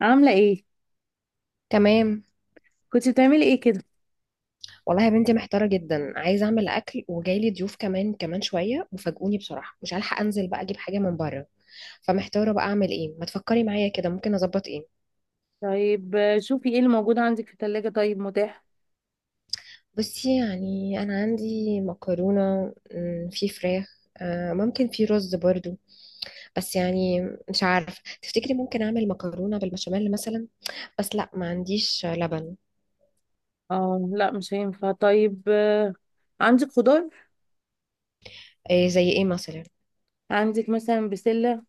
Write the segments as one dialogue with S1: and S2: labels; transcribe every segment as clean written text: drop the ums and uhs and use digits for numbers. S1: عاملة ايه؟
S2: تمام.
S1: كنت بتعملي ايه كده؟
S2: والله يا بنتي محتارة جدا، عايزة أعمل أكل وجايلي ضيوف كمان كمان شوية وفاجئوني بصراحة، مش هلحق أنزل بقى أجيب حاجة من بره. فمحتارة بقى أعمل إيه؟ ما تفكري معايا كده، ممكن أظبط إيه؟
S1: طيب، شوفي ايه اللي موجود عندك في التلاجة طيب متاح.
S2: بصي يعني أنا عندي مكرونة، في فراخ، ممكن في رز برضو. بس يعني مش عارف، تفتكري ممكن أعمل مكرونة بالبشاميل مثلا؟ بس لا، ما عنديش لبن.
S1: اه لا، مش هينفع. طيب، عندك خضار؟
S2: إيه زي إيه مثلا؟
S1: عندك مثلا بسلة؟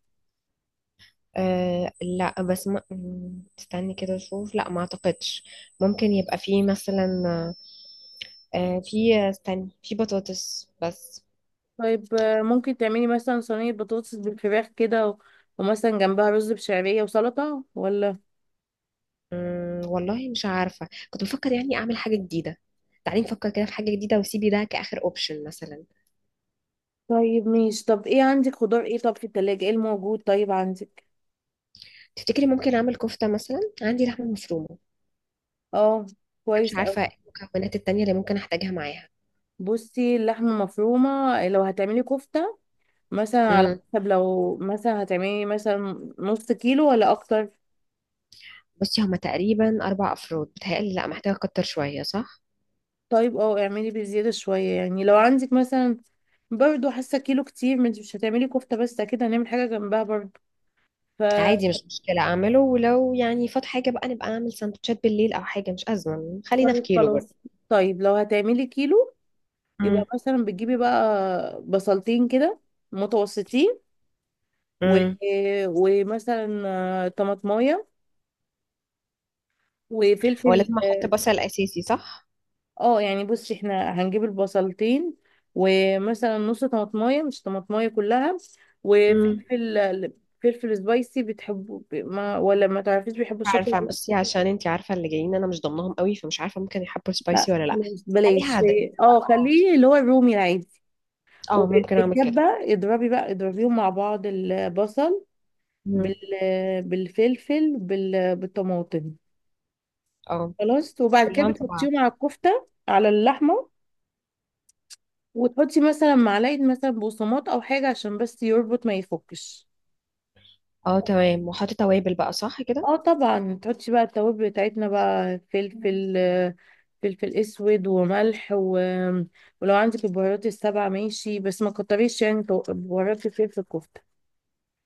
S2: أه لا، بس ما م- استني كده اشوف، لا ما اعتقدش. ممكن يبقى فيه مثلا. أه، في، استني، في بطاطس بس.
S1: طيب، ممكن تعملي مثلا صينية بطاطس بالفراخ كده ومثلا جنبها رز بشعرية وسلطة، ولا؟
S2: والله مش عارفة، كنت بفكر يعني اعمل حاجة جديدة. تعالي نفكر كده في حاجة جديدة وسيبي ده كآخر اوبشن مثلا.
S1: طيب ماشي، طب ايه عندك خضار؟ ايه طب في التلاجة ايه الموجود؟ طيب عندك.
S2: تفتكري ممكن اعمل كفتة مثلا؟ عندي لحمة مفرومة أنا.
S1: اه،
S2: مش
S1: كويس اوي.
S2: عارفة ايه المكونات التانية اللي ممكن احتاجها معاها.
S1: بصي، اللحمة مفرومة، لو هتعملي كفتة، مثلا على
S2: مم.
S1: حسب، لو مثلا هتعملي مثلا نص كيلو ولا اكتر؟
S2: بصي هما تقريبا اربع افراد، بتهيألي لا، محتاجة اكتر شوية صح؟
S1: طيب، اه، اعملي بزيادة شوية يعني، لو عندك مثلا برضو حاسة كيلو كتير، ما انت مش هتعملي كفتة بس، اكيد هنعمل حاجة جنبها برضو. ف
S2: عادي مش مشكلة أعمله، ولو يعني فات حاجة بقى نبقى أعمل سندوتشات بالليل أو حاجة، مش أزمة، خلينا في
S1: طيب
S2: كيلو برضه.
S1: خلاص. طيب لو هتعملي كيلو، يبقى
S2: امم.
S1: مثلا بتجيبي بقى بصلتين كده، متوسطين، و...
S2: امم.
S1: ومثلا طماطمايه،
S2: هو
S1: وفلفل،
S2: لازم أحط بصل أساسي صح؟
S1: اه، يعني بصي احنا هنجيب البصلتين، ومثلا نص طماطمايه، مش طماطمايه كلها.
S2: امم.
S1: وفلفل، فلفل سبايسي بتحبه ما، ولا ما تعرفيش بيحبوا الشطه ولا
S2: عارفة
S1: لا؟
S2: بصي، عشان انتي عارفة اللي جايين أنا مش ضمنهم قوي، فمش عارفة ممكن يحبوا
S1: لا،
S2: سبايسي ولا لأ.
S1: خلاص
S2: خليها
S1: بلاش.
S2: عادية بقى،
S1: اه،
S2: اه.
S1: خليه اللي هو الرومي العادي.
S2: اه،
S1: وفي
S2: ممكن أعمل كده.
S1: الكبه، اضربيهم مع بعض، البصل
S2: امم.
S1: بال بالفلفل بالطماطم.
S2: اه،
S1: خلاص، وبعد كده
S2: كلهم في
S1: بتحطيهم
S2: بعض.
S1: على الكفته، على اللحمه، وتحطي مثلا معلقة مثلا بقسماط أو حاجة عشان بس يربط ما يفكش.
S2: اه تمام، وأحط توابل بقى صح كده؟
S1: اه، طبعا تحطي بقى التوابل بتاعتنا بقى، فلفل، فلفل اسود وملح، ولو عندك البهارات السبعة ماشي، بس ما كتريش يعني، بهارات الفلفل الكفتة.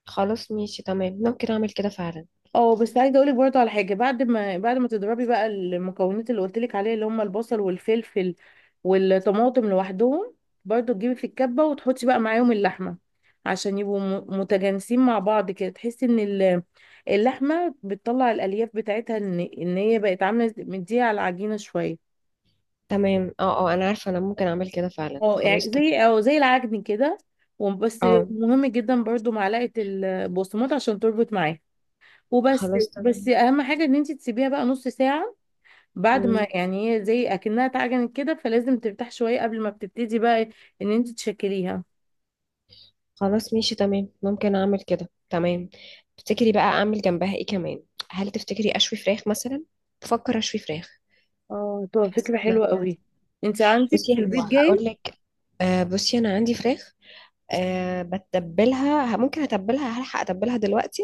S2: خلاص ماشي تمام، ممكن أعمل كده فعلا.
S1: اه بس عايزه اقولك برضه على حاجه، بعد ما تضربي بقى المكونات اللي قلتلك عليها، اللي هم البصل والفلفل والطماطم لوحدهم، برضه تجيبي في الكبه وتحطي بقى معاهم اللحمه، عشان يبقوا متجانسين مع بعض كده. تحسي ان اللحمه بتطلع الالياف بتاعتها، ان هي بقت عامله مديها على العجينه شويه.
S2: تمام، اه، اه، أنا عارفة، أنا ممكن أعمل كده فعلا،
S1: اه، يعني
S2: خلاص تمام.
S1: زي او زي العجن كده. وبس،
S2: اه
S1: مهم جدا برضه معلقه البقسماط عشان تربط معاها. وبس.
S2: خلاص
S1: بس
S2: تمام.
S1: اهم حاجه ان انت تسيبيها بقى نص ساعه، بعد
S2: مم.
S1: ما يعني هي زي اكنها اتعجنت كده، فلازم ترتاح شويه قبل ما بتبتدي بقى ان انت تشكليها.
S2: خلاص ماشي تمام، ممكن اعمل كده تمام. تفتكري بقى اعمل جنبها ايه كمان؟ هل تفتكري اشوي فراخ مثلا؟ بفكر اشوي فراخ.
S1: اه، طب
S2: حاسه
S1: فكره
S2: ان،
S1: حلوه قوي. انت عندك
S2: بصي
S1: في
S2: هو
S1: البيت
S2: هقول
S1: جاي؟
S2: لك. آه بصي، انا عندي فراخ. آه، بتبلها، ممكن اتبلها، هلحق اتبلها دلوقتي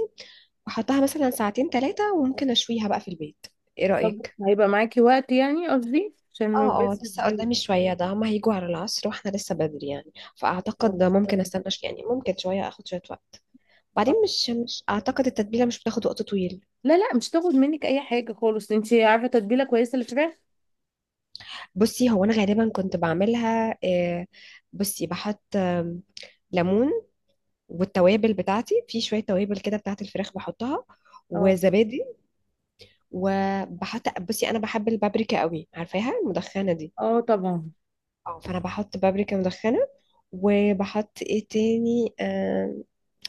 S2: واحطها مثلا ساعتين ثلاثه، وممكن اشويها بقى في البيت. ايه
S1: طب
S2: رايك؟
S1: هيبقى معاكي وقت يعني؟ قصدي عشان
S2: اه، اه،
S1: بس
S2: لسه
S1: الضيوف.
S2: قدامي شويه، ده هما هيجوا على العصر واحنا لسه بدري يعني،
S1: طب
S2: فاعتقد ده ممكن استنى
S1: كويس.
S2: يعني ممكن شويه، اخد شويه وقت.
S1: اه،
S2: بعدين مش اعتقد التتبيله مش بتاخد وقت طويل.
S1: لا لا، مش تاخد منك اي حاجه خالص، انت عارفه تتبيله كويسه للفراخ.
S2: بصي هو انا غالبا كنت بعملها. بصي بحط، ليمون، والتوابل بتاعتي، في شويه توابل كده بتاعت الفراخ بحطها،
S1: اه،
S2: وزبادي. وبحط، بصي انا بحب البابريكا قوي، عارفاها المدخنه دي.
S1: اه، طبعا
S2: اه فانا بحط بابريكا مدخنه. وبحط ايه تاني،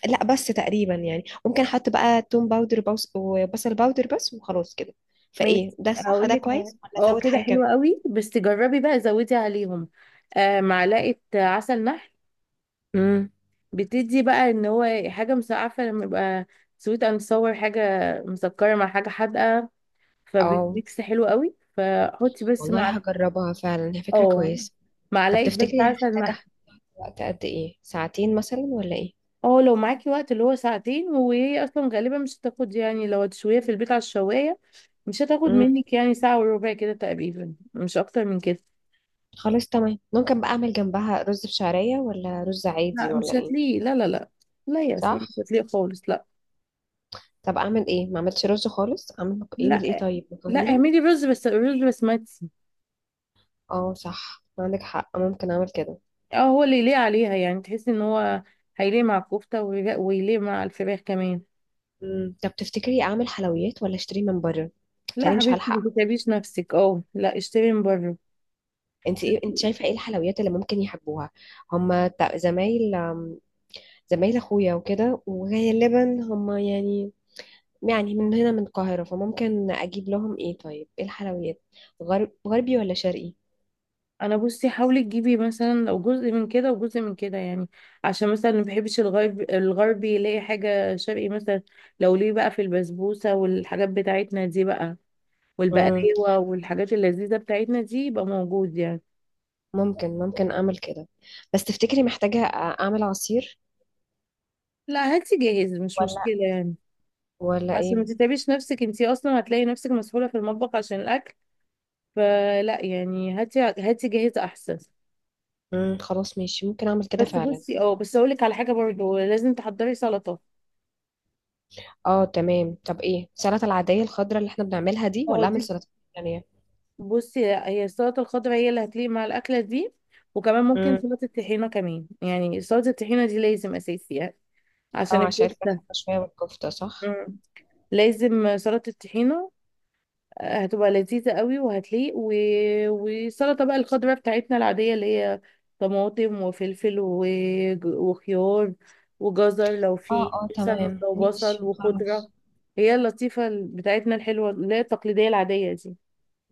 S2: لا بس تقريبا يعني، ممكن احط بقى توم باودر، وبصل باودر بس وخلاص كده. فايه
S1: ماشي،
S2: ده صح؟
S1: هقول
S2: ده
S1: لك.
S2: كويس ولا
S1: اه،
S2: ازود
S1: كده حلوه
S2: حاجه؟
S1: قوي بس جربي بقى، زودي عليهم معلقه عسل نحل،
S2: كمان؟
S1: بتدي بقى ان هو حاجه. عارفه لما يبقى سويت اند صور، حاجه مسكره مع حاجه حادقه،
S2: اه،
S1: فبيكس حلو قوي، فحطي بس
S2: والله
S1: مع.
S2: هجربها فعلا، هي فكرة
S1: اه،
S2: كويسة. طب
S1: معلقه بس
S2: تفتكري
S1: عسل
S2: هحتاج
S1: نحل.
S2: احط وقت قد ايه؟ ساعتين مثلا ولا ايه؟
S1: اه، لو معاكي وقت اللي هو ساعتين، وهي اصلا غالبا مش هتاخد يعني، لو هتشويها في البيت على الشوايه مش هتاخد
S2: امم.
S1: منك يعني ساعه وربع كده تقريبا، مش اكتر من كده.
S2: خلاص تمام، ممكن بقى اعمل جنبها رز بشعرية، ولا رز عادي،
S1: لا مش
S2: ولا ايه؟
S1: هتلاقيه، لا لا لا. لا يا اسماء،
S2: صح.
S1: مش هتلاقيه خالص، لا
S2: طب اعمل ايه ما عملتش رز خالص، اعمل ايه، من ايه،
S1: لا.
S2: طيب
S1: لا،
S2: مكرونة.
S1: اعملي رز بس، رز بسمتي.
S2: اه صح، عندك حق، ممكن اعمل كده.
S1: اه هو اللي يليق عليها يعني، تحسي ان هو هيليق مع الكفتة، ويليق مع الفراخ كمان.
S2: امم. طب تفتكري اعمل حلويات ولا اشتري من بره؟
S1: لا
S2: تاني مش
S1: حبيبتي، ما
S2: هلحق.
S1: تتعبيش نفسك، اه لا، اشتري من بره.
S2: انت ايه، انت شايفة ايه الحلويات اللي ممكن يحبوها؟ هما زمايل، زمايل اخويا وكده، وغالبا هم يعني، يعني من هنا من القاهرة، فممكن اجيب لهم ايه طيب، ايه الحلويات؟ غربي ولا شرقي؟
S1: انا بصي، حاولي تجيبي مثلا لو جزء من كده وجزء من كده يعني، عشان مثلا ما بحبش الغرب الغربي يلاقي حاجة شرقي مثلا، لو ليه بقى في البسبوسة والحاجات بتاعتنا دي بقى
S2: مم.
S1: والبقلاوة والحاجات اللذيذة بتاعتنا دي، يبقى موجود يعني.
S2: ممكن اعمل كده. بس تفتكري محتاجة اعمل عصير
S1: لا هاتي جاهز، مش
S2: ولا
S1: مشكلة يعني،
S2: ولا
S1: عشان
S2: ايه؟
S1: ما تتعبيش نفسك، انتي اصلا هتلاقي نفسك مسحولة في المطبخ عشان الاكل. فلا يعني، هاتي هاتي جاهزة أحسن.
S2: مم. خلاص ماشي، ممكن اعمل كده
S1: بس
S2: فعلا.
S1: بصي، اه، بس أقولك على حاجة برضو، لازم تحضري سلطة.
S2: اه تمام، طب ايه السلطة، العادية الخضراء اللي احنا بنعملها دي،
S1: اه
S2: ولا
S1: دي،
S2: اعمل سلطة تانية؟
S1: بصي هي السلطة الخضراء هي اللي هتليق مع الأكلة دي، وكمان ممكن
S2: مم.
S1: سلطة الطحينة كمان، يعني سلطة الطحينة دي لازم أساسي يعني، عشان
S2: اه عشان الفراخ
S1: الكفتة.
S2: شوية والكفتة صح.
S1: مم. لازم سلطة الطحينة، هتبقى لذيذة قوي وهتليق، والسلطة بقى الخضراء بتاعتنا العادية اللي هي طماطم وفلفل وخيار وجزر لو
S2: اه،
S1: في
S2: اه،
S1: مثلا،
S2: تمام
S1: وبصل
S2: ماشي خلاص.
S1: وخضرة، هي اللطيفة بتاعتنا الحلوة اللي هي التقليدية العادية دي.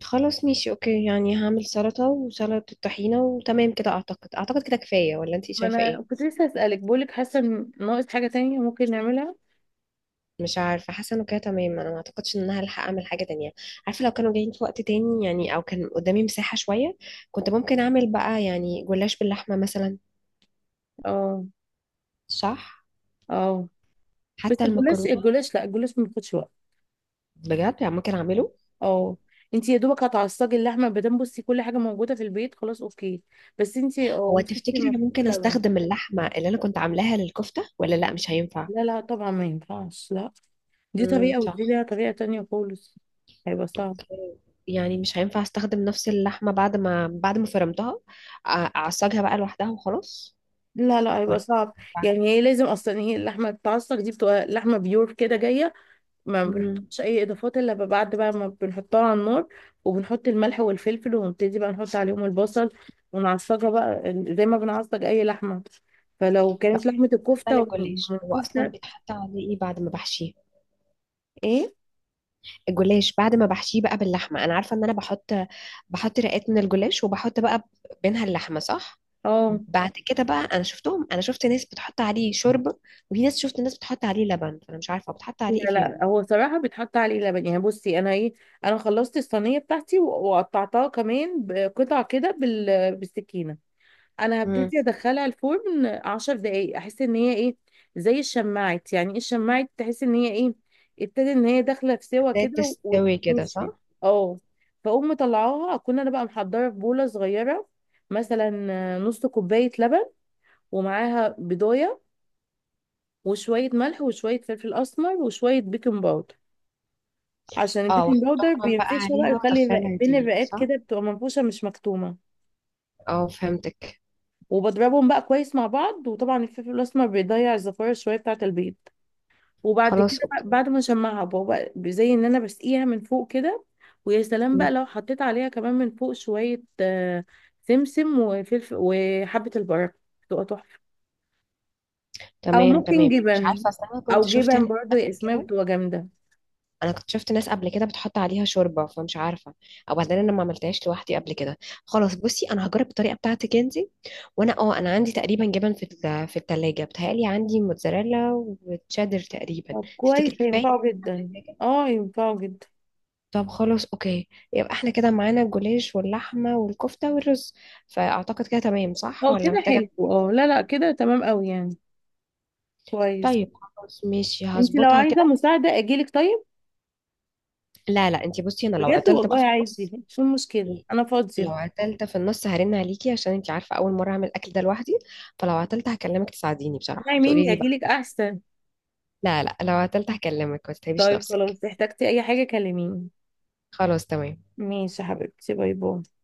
S2: خلاص ماشي اوكي، يعني هعمل سلطة وسلطة طحينة وتمام كده، اعتقد كده كفاية، ولا انتي
S1: ما
S2: شايفة
S1: انا
S2: ايه؟
S1: كنت لسه اسألك، بقولك حاسة ان ناقص حاجة تانية ممكن نعملها؟
S2: مش عارفة، حاسة انه كده تمام، انا ما اعتقدش ان انا هلحق اعمل حاجة تانية. عارفة لو كانوا جايين في وقت تاني يعني، او كان قدامي مساحة شوية، كنت ممكن اعمل بقى يعني جلاش باللحمة مثلا.
S1: اه،
S2: صح.
S1: اه، بس
S2: حتى
S1: الجلاش،
S2: المكرونة.
S1: الجلاش لا الجلاش ما بياخدش وقت.
S2: بجد يعني، ممكن اعمله.
S1: اه، انت يا دوبك هتعصجي اللحمه، ما دام بصي كل حاجه موجوده في البيت، خلاص اوكي. بس انت اه
S2: هو
S1: انت بصي
S2: تفتكري
S1: ما
S2: انا
S1: فيش
S2: ممكن
S1: لبن.
S2: استخدم اللحمة اللي انا كنت عاملاها للكفتة، ولا لا مش هينفع؟
S1: لا لا، طبعا ما ينفعش، لا. دي
S2: امم،
S1: طريقه،
S2: صح.
S1: ودي ليها طريقه تانية خالص. هيبقى صعب.
S2: اوكي. يعني مش هينفع استخدم نفس اللحمة بعد ما فرمتها، أ- اعصجها بقى لوحدها وخلاص،
S1: لا لا، هيبقى
S2: ولا؟
S1: صعب.
S2: طبعاً.
S1: يعني هي لازم اصلا، هي اللحمه بتتعصج دي بتبقى لحمه بيور كده جايه، ما
S2: مم.
S1: بنحطش اي اضافات الا بعد بقى ما بنحطها على النار، وبنحط الملح والفلفل، ونبتدي بقى نحط عليهم البصل، ونعصجها بقى زي ما بنعصج اي لحمه، فلو
S2: طب
S1: كانت لحمة
S2: بالنسبة
S1: الكفتة
S2: للجوليش، هو اصلا
S1: والكفتة،
S2: بيتحط عليه ايه بعد ما بحشيه؟
S1: ايه؟
S2: الجلاش بعد ما بحشيه بقى باللحمة، انا عارفة ان انا بحط، بحط رقات من الجلاش وبحط بقى بينها اللحمة صح.
S1: اه،
S2: بعد كده بقى، انا شفت ناس بتحط عليه شوربة، وفي ناس شفت ناس بتحط عليه لبن، فانا مش عارفة بتحط عليه ايه
S1: لا
S2: فيهم.
S1: لا، هو صراحة بيتحط عليه لبن. يعني بصي انا ايه، انا خلصت الصينية بتاعتي وقطعتها كمان بقطع كده بالسكينة. انا
S2: امم.
S1: هبتدي ادخلها الفرن عشر دقايق، احس ان هي ايه، زي الشماعة، يعني ايه الشماعة؟ تحس ان هي ايه، ابتدي ان هي داخلة في سوا
S2: ده
S1: كده
S2: تستوي كده
S1: ونشفت.
S2: صح.
S1: اه، فاقوم مطلعاها، اكون انا بقى محضرة في بولة صغيرة مثلا نص كوباية لبن، ومعاها بيضاية، وشوية ملح وشوية فلفل أسمر وشوية بيكنج باودر، عشان
S2: اه،
S1: البيكنج باودر
S2: واحطهم بقى
S1: بينفشها
S2: عليها
S1: بقى، يخلي
S2: وادخلها
S1: بين
S2: تاني
S1: الرقات
S2: صح.
S1: كده بتبقى منفوشة مش مكتومة.
S2: اه فهمتك.
S1: وبضربهم بقى كويس مع بعض، وطبعا الفلفل الأسمر بيضيع الزفارة شوية بتاعة البيض. وبعد
S2: خلاص
S1: كده بقى،
S2: اوكي.
S1: بعد ما نشمعها بقى، بقى زي إن أنا بسقيها من فوق كده. ويا سلام
S2: مم.
S1: بقى لو حطيت عليها كمان من فوق شوية سمسم وفلفل وحبة البركة، بتبقى تحفة. أو
S2: تمام
S1: ممكن
S2: تمام، مش
S1: جبن،
S2: عارفه اصل، انا
S1: أو
S2: كنت شفت
S1: جبن
S2: ناس
S1: برضه يا
S2: قبل
S1: إسماء،
S2: كده،
S1: بتبقى جامدة.
S2: انا كنت شفت ناس قبل كده بتحط عليها شوربه، فمش عارفه. او بعدين انا ما عملتهاش لوحدي قبل كده. خلاص بصي، انا هجرب الطريقه بتاعتك انت. وانا، اه، انا عندي تقريبا جبن في الثلاجه، بتهيألي عندي موتزاريلا وتشيدر تقريبا.
S1: طب
S2: تفتكري
S1: كويس،
S2: كفايه؟
S1: هينفعه جدا. اه، ينفعه جدا.
S2: طب خلاص اوكي، يبقى احنا كده معانا الجوليش واللحمة والكفتة والرز، فاعتقد كده تمام صح،
S1: اه
S2: ولا
S1: كده
S2: محتاجة؟
S1: حلو، اه لا لا، كده تمام قوي يعني. كويس.
S2: طيب، خلاص ماشي،
S1: انت لو
S2: هظبطها
S1: عايزة
S2: كده.
S1: مساعدة اجيلك، طيب؟
S2: لا لا انتي، بصي انا لو
S1: بجد
S2: عطلت
S1: والله
S2: بقى في
S1: عايزة،
S2: النص،
S1: شو المشكلة؟ انا فاضية.
S2: لو عطلت في النص هرن عليكي، عشان انتي عارفة اول مرة اعمل الاكل ده لوحدي، فلو عطلت هكلمك تساعديني
S1: اسمعي
S2: بصراحة تقولي
S1: مني،
S2: لي بقى.
S1: اجيلك احسن.
S2: لا لا لو عطلت هكلمك، ما تتعبيش
S1: طيب
S2: نفسك.
S1: خلاص، احتجتي اي حاجة كلميني.
S2: خلاص تمام.
S1: ماشي يا حبيبتي، باي باي.